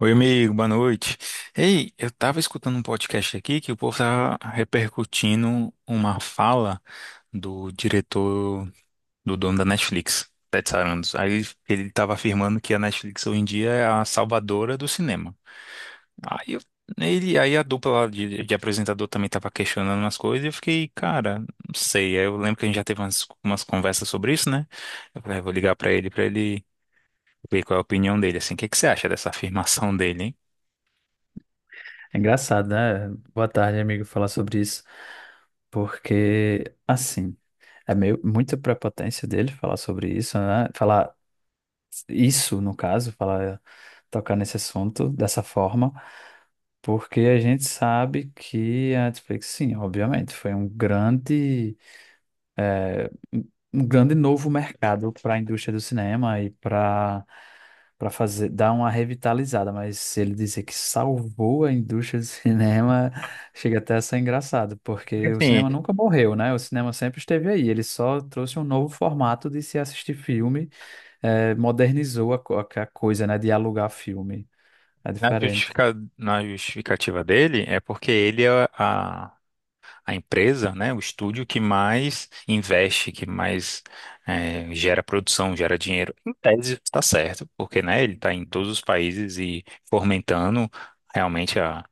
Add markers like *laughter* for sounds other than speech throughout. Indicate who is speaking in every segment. Speaker 1: Oi, amigo, boa noite. Ei, eu tava escutando um podcast aqui que o povo tava repercutindo uma fala do diretor, do dono da Netflix, Ted Sarandos. Aí ele tava afirmando que a Netflix hoje em dia é a salvadora do cinema. Aí eu, aí a dupla lá de apresentador também tava questionando umas coisas e eu fiquei, cara, não sei. Aí eu lembro que a gente já teve umas conversas sobre isso, né? Eu falei, "Ah, eu vou ligar pra ele ver qual é a opinião dele, assim. O que que você acha dessa afirmação dele, hein?
Speaker 2: É engraçado, né? Boa tarde, amigo, falar sobre isso, porque, assim, é meio muita prepotência dele falar sobre isso, né? Falar isso, no caso, falar, tocar nesse assunto dessa forma, porque a gente sabe que a Netflix, sim, obviamente, foi um grande é, um grande novo mercado para a indústria do cinema e para fazer dar uma revitalizada, mas se ele dizer que salvou a indústria do *laughs* cinema, chega até a ser engraçado,
Speaker 1: Porque,
Speaker 2: porque o
Speaker 1: assim,
Speaker 2: cinema nunca morreu, né? O cinema sempre esteve aí, ele só trouxe um novo formato de se assistir filme, modernizou a coisa, né? De alugar filme. É diferente.
Speaker 1: na justificativa dele é porque ele é a empresa, né, o estúdio que mais investe, que mais gera produção, gera dinheiro. Em tese está certo, porque né, ele está em todos os países e fomentando realmente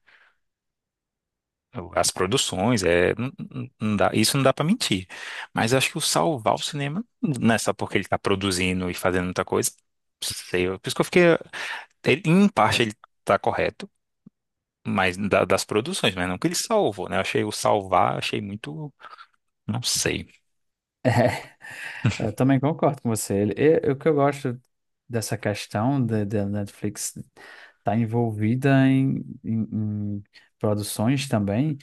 Speaker 1: as produções. É, não isso não dá para mentir. Mas acho que o salvar o cinema não é só porque ele está produzindo e fazendo muita coisa. Não sei, por isso que eu fiquei. Em parte ele tá correto, mas das produções, mas não que ele salvou, né? Eu achei o salvar, achei muito, não sei.
Speaker 2: *laughs* Eu também concordo com você. O que eu gosto dessa questão da Netflix estar envolvida em- em produções também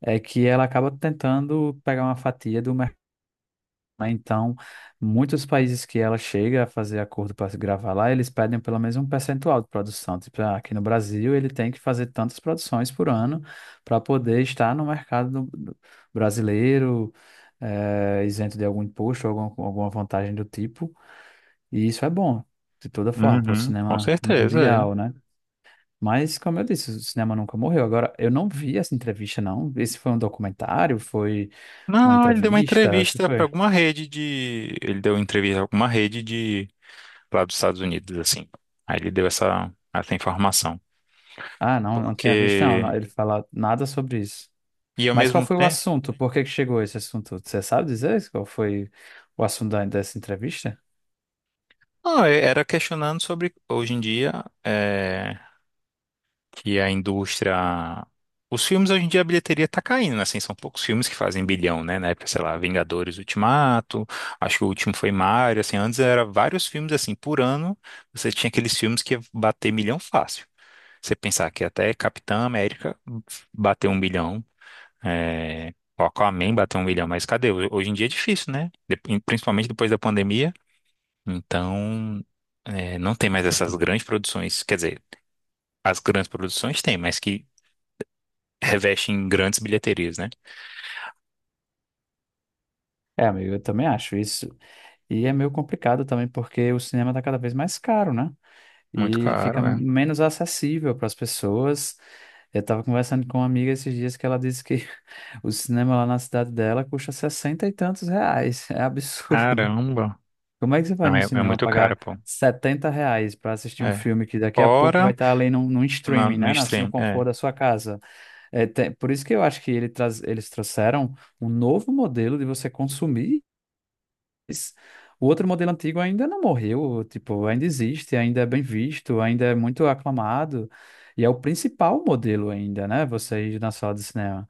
Speaker 2: é que ela acaba tentando pegar uma fatia do mercado, né? Então, muitos países que ela chega a fazer acordo para gravar lá, eles pedem pelo menos um percentual de produção. Tipo, ah, aqui no Brasil, ele tem que fazer tantas produções por ano para poder estar no mercado brasileiro, isento de algum imposto, alguma, alguma vantagem do tipo. E isso é bom, de toda forma, para o
Speaker 1: Uhum, com
Speaker 2: cinema
Speaker 1: certeza,
Speaker 2: mundial,
Speaker 1: é.
Speaker 2: né? Mas, como eu disse, o cinema nunca morreu. Agora, eu não vi essa entrevista, não. Esse foi um documentário? Foi uma
Speaker 1: Não, ele deu uma
Speaker 2: entrevista? O que
Speaker 1: entrevista pra
Speaker 2: foi?
Speaker 1: alguma rede de, ele deu entrevista a alguma rede de lá dos Estados Unidos, assim. Aí ele deu essa informação,
Speaker 2: Ah, não, não tinha visto, não.
Speaker 1: porque
Speaker 2: Ele fala nada sobre isso.
Speaker 1: e ao
Speaker 2: Mas qual
Speaker 1: mesmo
Speaker 2: foi o
Speaker 1: tempo,
Speaker 2: assunto? Por que que chegou esse assunto? Você sabe dizer qual foi o assunto dessa entrevista?
Speaker 1: não, era questionando sobre hoje em dia é, que a indústria. Os filmes hoje em dia a bilheteria tá caindo, né? Assim, são poucos filmes que fazem bilhão, né? Na época, sei lá, Vingadores Ultimato, acho que o último foi Mario, assim, antes era vários filmes assim, por ano, você tinha aqueles filmes que ia bater milhão fácil. Você pensar que até Capitã América bateu um bilhão, é... o Aquaman bateu um bilhão, mas cadê? Hoje em dia é difícil, né? Principalmente depois da pandemia. Então, é, não tem mais essas grandes produções, quer dizer, as grandes produções tem, mas que reveste em grandes bilheterias, né?
Speaker 2: É, amigo, eu também acho isso. E é meio complicado também, porque o cinema está cada vez mais caro, né?
Speaker 1: Muito
Speaker 2: E fica
Speaker 1: caro, é.
Speaker 2: menos acessível para as pessoas. Eu estava conversando com uma amiga esses dias que ela disse que *laughs* o cinema lá na cidade dela custa 60 e tantos reais. É absurdo.
Speaker 1: Caramba.
Speaker 2: Como é que você vai
Speaker 1: Não,
Speaker 2: no
Speaker 1: é, é
Speaker 2: cinema
Speaker 1: muito
Speaker 2: pagar
Speaker 1: caro, pô.
Speaker 2: 70 reais para assistir um
Speaker 1: É.
Speaker 2: filme que daqui a pouco vai
Speaker 1: Fora
Speaker 2: estar ali num, num streaming,
Speaker 1: no
Speaker 2: né? No
Speaker 1: stream,
Speaker 2: conforto
Speaker 1: é.
Speaker 2: da sua casa. Por isso que eu acho que ele traz, eles trouxeram um novo modelo de você consumir, mas o outro modelo antigo ainda não morreu, tipo, ainda existe, ainda é bem visto, ainda é muito aclamado, e é o principal modelo ainda, né? Você ir na sala de cinema.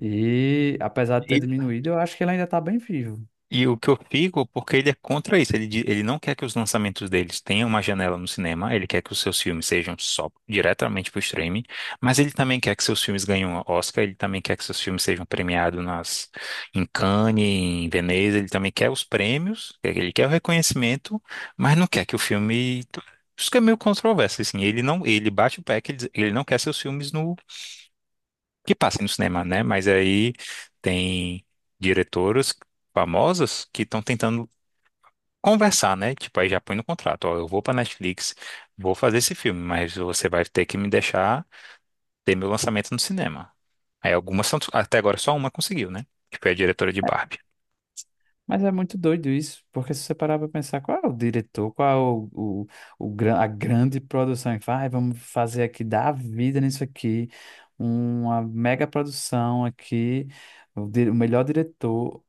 Speaker 2: E apesar de ter
Speaker 1: E
Speaker 2: diminuído, eu acho que ele ainda está bem vivo.
Speaker 1: E o que eu fico, porque ele é contra isso, ele não quer que os lançamentos deles tenham uma janela no cinema, ele quer que os seus filmes sejam só diretamente para o streaming, mas ele também quer que seus filmes ganhem um Oscar, ele também quer que seus filmes sejam premiados nas, em Cannes, em Veneza, ele também quer os prêmios, ele quer o reconhecimento, mas não quer que o filme... Isso que é meio controverso, assim, ele não, ele bate o pé que ele, ele não quer seus filmes no, que passem no cinema, né? Mas aí tem diretoras famosas que estão tentando conversar, né? Tipo, aí já põe no contrato, ó, eu vou pra Netflix, vou fazer esse filme, mas você vai ter que me deixar ter meu lançamento no cinema. Aí algumas são, até agora só uma conseguiu, né? Que foi a diretora de Barbie.
Speaker 2: Mas é muito doido isso, porque se você parar para pensar qual é o diretor, qual é o, a grande produção que faz: "Ai, vamos fazer aqui, dar a vida nisso aqui, uma mega produção aqui, o melhor diretor,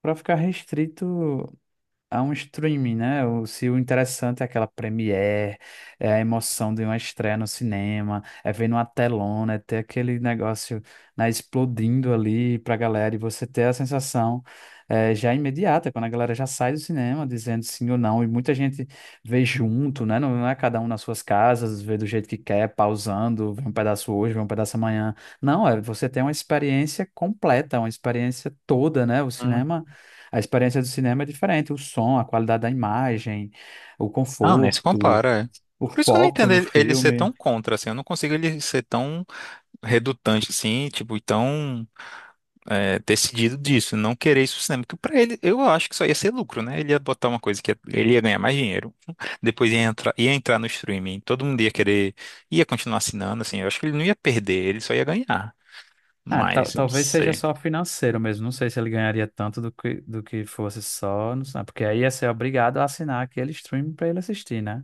Speaker 2: para ficar restrito a um streaming, né?" O, se o interessante é aquela premiere, é a emoção de uma estreia no cinema, é ver numa telona, é ter aquele negócio, né, explodindo ali pra galera e você ter a sensação já imediata, quando a galera já sai do cinema dizendo sim ou não, e muita gente vê junto, né? Não é cada um nas suas casas, vê do jeito que quer, pausando, vê um pedaço hoje, vê um pedaço amanhã. Não, é, você tem uma experiência completa, uma experiência toda, né? O
Speaker 1: Hum.
Speaker 2: cinema. A experiência do cinema é diferente: o som, a qualidade da imagem, o
Speaker 1: Ah, nem se
Speaker 2: conforto,
Speaker 1: compara, é.
Speaker 2: o
Speaker 1: Por isso que eu não
Speaker 2: foco
Speaker 1: entendo
Speaker 2: no
Speaker 1: ele ser tão
Speaker 2: filme.
Speaker 1: contra, assim, eu não consigo ele ser tão redutante, assim, tipo, tão decidido disso, não querer isso pro cinema, porque pra ele, eu acho que só ia ser lucro, né? Ele ia botar uma coisa que ele ia ganhar mais dinheiro, *laughs* depois ia entrar no streaming, todo mundo ia querer, ia continuar assinando, assim, eu acho que ele não ia perder, ele só ia ganhar,
Speaker 2: Ah,
Speaker 1: mas eu não
Speaker 2: talvez seja
Speaker 1: sei.
Speaker 2: só financeiro mesmo. Não sei se ele ganharia tanto do que fosse só, não sei, porque aí ia ser obrigado a assinar aquele stream para ele assistir, né?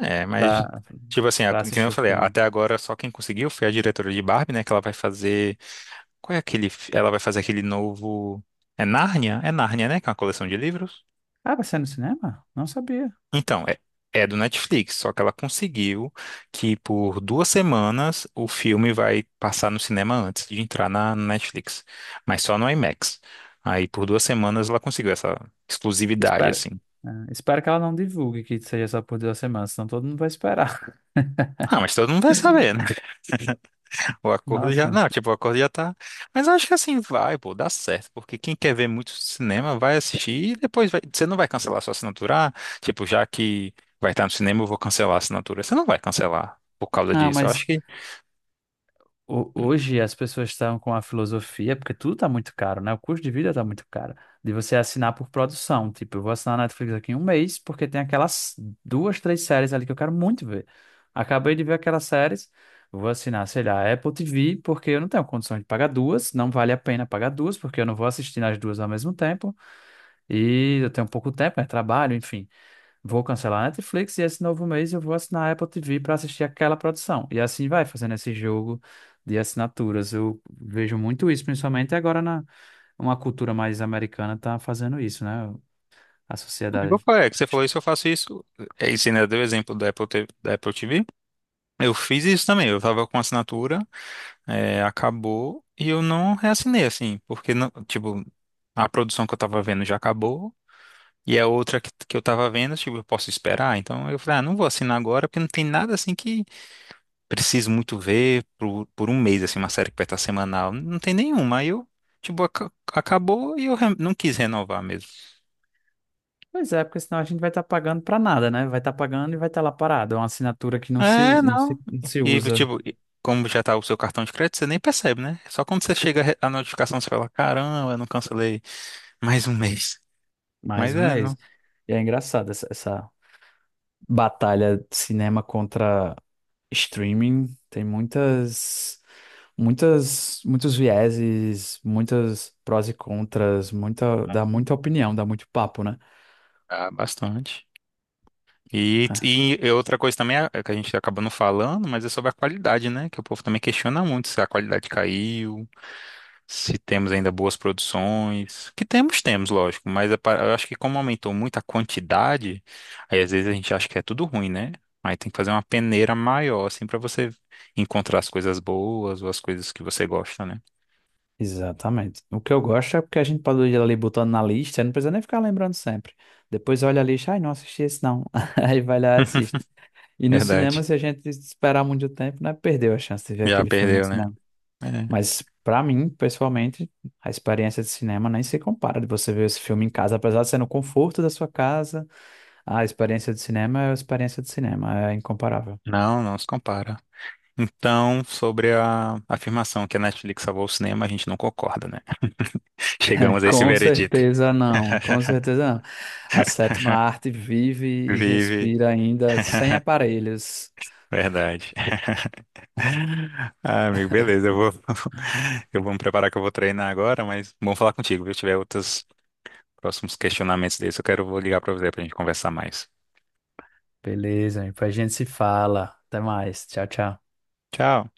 Speaker 1: É, mas,
Speaker 2: Para
Speaker 1: tipo assim,
Speaker 2: para
Speaker 1: que nem eu
Speaker 2: assistir o
Speaker 1: falei,
Speaker 2: filme.
Speaker 1: até agora só quem conseguiu foi a diretora de Barbie, né, que ela vai fazer, qual é aquele, ela vai fazer aquele novo, é Nárnia? É Nárnia, né, que é uma coleção de livros?
Speaker 2: Ah, vai ser no cinema? Não sabia.
Speaker 1: Então, é, é do Netflix, só que ela conseguiu que por duas semanas o filme vai passar no cinema antes de entrar na Netflix, mas só no IMAX. Aí por duas semanas ela conseguiu essa exclusividade,
Speaker 2: Espero,
Speaker 1: assim.
Speaker 2: ah, espero que ela não divulgue que seja só por 2 semanas, senão todo mundo vai esperar. *laughs*
Speaker 1: Ah, mas todo mundo vai saber, né? *laughs* O acordo já.
Speaker 2: Nossa.
Speaker 1: Não, tipo, o acordo já tá. Mas eu acho que assim vai, pô, dá certo. Porque quem quer ver muito cinema vai assistir e depois vai... você não vai cancelar sua assinatura. Ah, tipo, já que vai estar no cinema, eu vou cancelar a assinatura. Você não vai cancelar por causa
Speaker 2: Não,
Speaker 1: disso. Eu acho
Speaker 2: mas
Speaker 1: que
Speaker 2: hoje as pessoas estão com a filosofia, porque tudo está muito caro, né? O custo de vida está muito caro. De você assinar por produção. Tipo, eu vou assinar a Netflix aqui em um mês, porque tem aquelas duas, três séries ali que eu quero muito ver. Acabei de ver aquelas séries, vou assinar, sei lá, a Apple TV, porque eu não tenho condição de pagar duas, não vale a pena pagar duas, porque eu não vou assistir nas duas ao mesmo tempo. E eu tenho pouco tempo, né? Trabalho, enfim. Vou cancelar a Netflix e esse novo mês eu vou assinar a Apple TV para assistir aquela produção. E assim vai, fazendo esse jogo de assinaturas. Eu vejo muito isso, principalmente agora na uma cultura mais americana tá fazendo isso, né? A
Speaker 1: eu,
Speaker 2: sociedade.
Speaker 1: falei, é, que você falou isso, eu faço isso. É, e você ainda deu o exemplo da Apple, T- V da Apple TV. Eu fiz isso também. Eu tava com assinatura, é, acabou e eu não reassinei, assim, porque, não, tipo, a produção que eu tava vendo já acabou e a outra que eu tava vendo, tipo, eu posso esperar. Então eu falei, ah, não vou assinar agora porque não tem nada, assim, que preciso muito ver por um mês, assim, uma série que vai estar semanal. Não tem nenhuma. Aí eu, tipo, acabou e eu não quis renovar mesmo.
Speaker 2: Pois é, porque senão a gente vai estar pagando para nada, né? Vai estar pagando e vai estar lá parado. É uma assinatura que não se, u-
Speaker 1: É,
Speaker 2: não se,
Speaker 1: não.
Speaker 2: não se
Speaker 1: E,
Speaker 2: usa
Speaker 1: tipo, e como já tá o seu cartão de crédito, você nem percebe, né? Só quando você chega a notificação, você fala, caramba, eu não cancelei mais um mês.
Speaker 2: mais
Speaker 1: Mas
Speaker 2: um
Speaker 1: é,
Speaker 2: mês.
Speaker 1: não.
Speaker 2: E é engraçado essa, essa batalha de cinema contra streaming. Tem muitas, muitas, muitos vieses, muitas prós e contras, muita, dá muita opinião, dá muito papo, né?
Speaker 1: Ah, bastante. E,
Speaker 2: É,
Speaker 1: e e outra coisa também é que a gente acaba não falando, mas é sobre a qualidade, né? Que o povo também questiona muito se a qualidade caiu. Se temos ainda boas produções. Que temos, temos, lógico, mas é eu acho que como aumentou muito a quantidade, aí às vezes a gente acha que é tudo ruim, né? Aí tem que fazer uma peneira maior, assim, pra você encontrar as coisas boas ou as coisas que você gosta, né?
Speaker 2: exatamente. O que eu gosto é porque a gente pode ir ali botando na lista, não precisa nem ficar lembrando sempre. Depois olha a lista: ai, não assisti esse não. *laughs* Aí vai lá e
Speaker 1: *laughs*
Speaker 2: assiste. E no
Speaker 1: Verdade.
Speaker 2: cinema, se a gente esperar muito tempo, né, perdeu a chance de ver
Speaker 1: Já
Speaker 2: aquele filme no
Speaker 1: perdeu, né?
Speaker 2: cinema.
Speaker 1: É.
Speaker 2: Mas pra mim, pessoalmente, a experiência de cinema nem se compara de você ver esse filme em casa, apesar de ser no conforto da sua casa. A experiência de cinema é a experiência de cinema, é incomparável.
Speaker 1: Não, não se compara. Então, sobre a afirmação que a Netflix salvou o cinema, a gente não concorda, né? *laughs*
Speaker 2: *laughs*
Speaker 1: Chegamos a esse
Speaker 2: Com
Speaker 1: veredito.
Speaker 2: certeza não, com
Speaker 1: *laughs*
Speaker 2: certeza não. A sétima arte vive e
Speaker 1: Vive.
Speaker 2: respira ainda sem
Speaker 1: *laughs*
Speaker 2: aparelhos.
Speaker 1: Verdade. Ah, amigo, beleza. Eu vou, *laughs* eu vou me preparar que eu vou treinar agora, mas bom falar contigo, viu? Se tiver outros próximos questionamentos desses, eu quero, vou ligar pra você pra gente conversar mais.
Speaker 2: Beleza, amigo, a gente se fala. Até mais. Tchau, tchau.
Speaker 1: Tchau.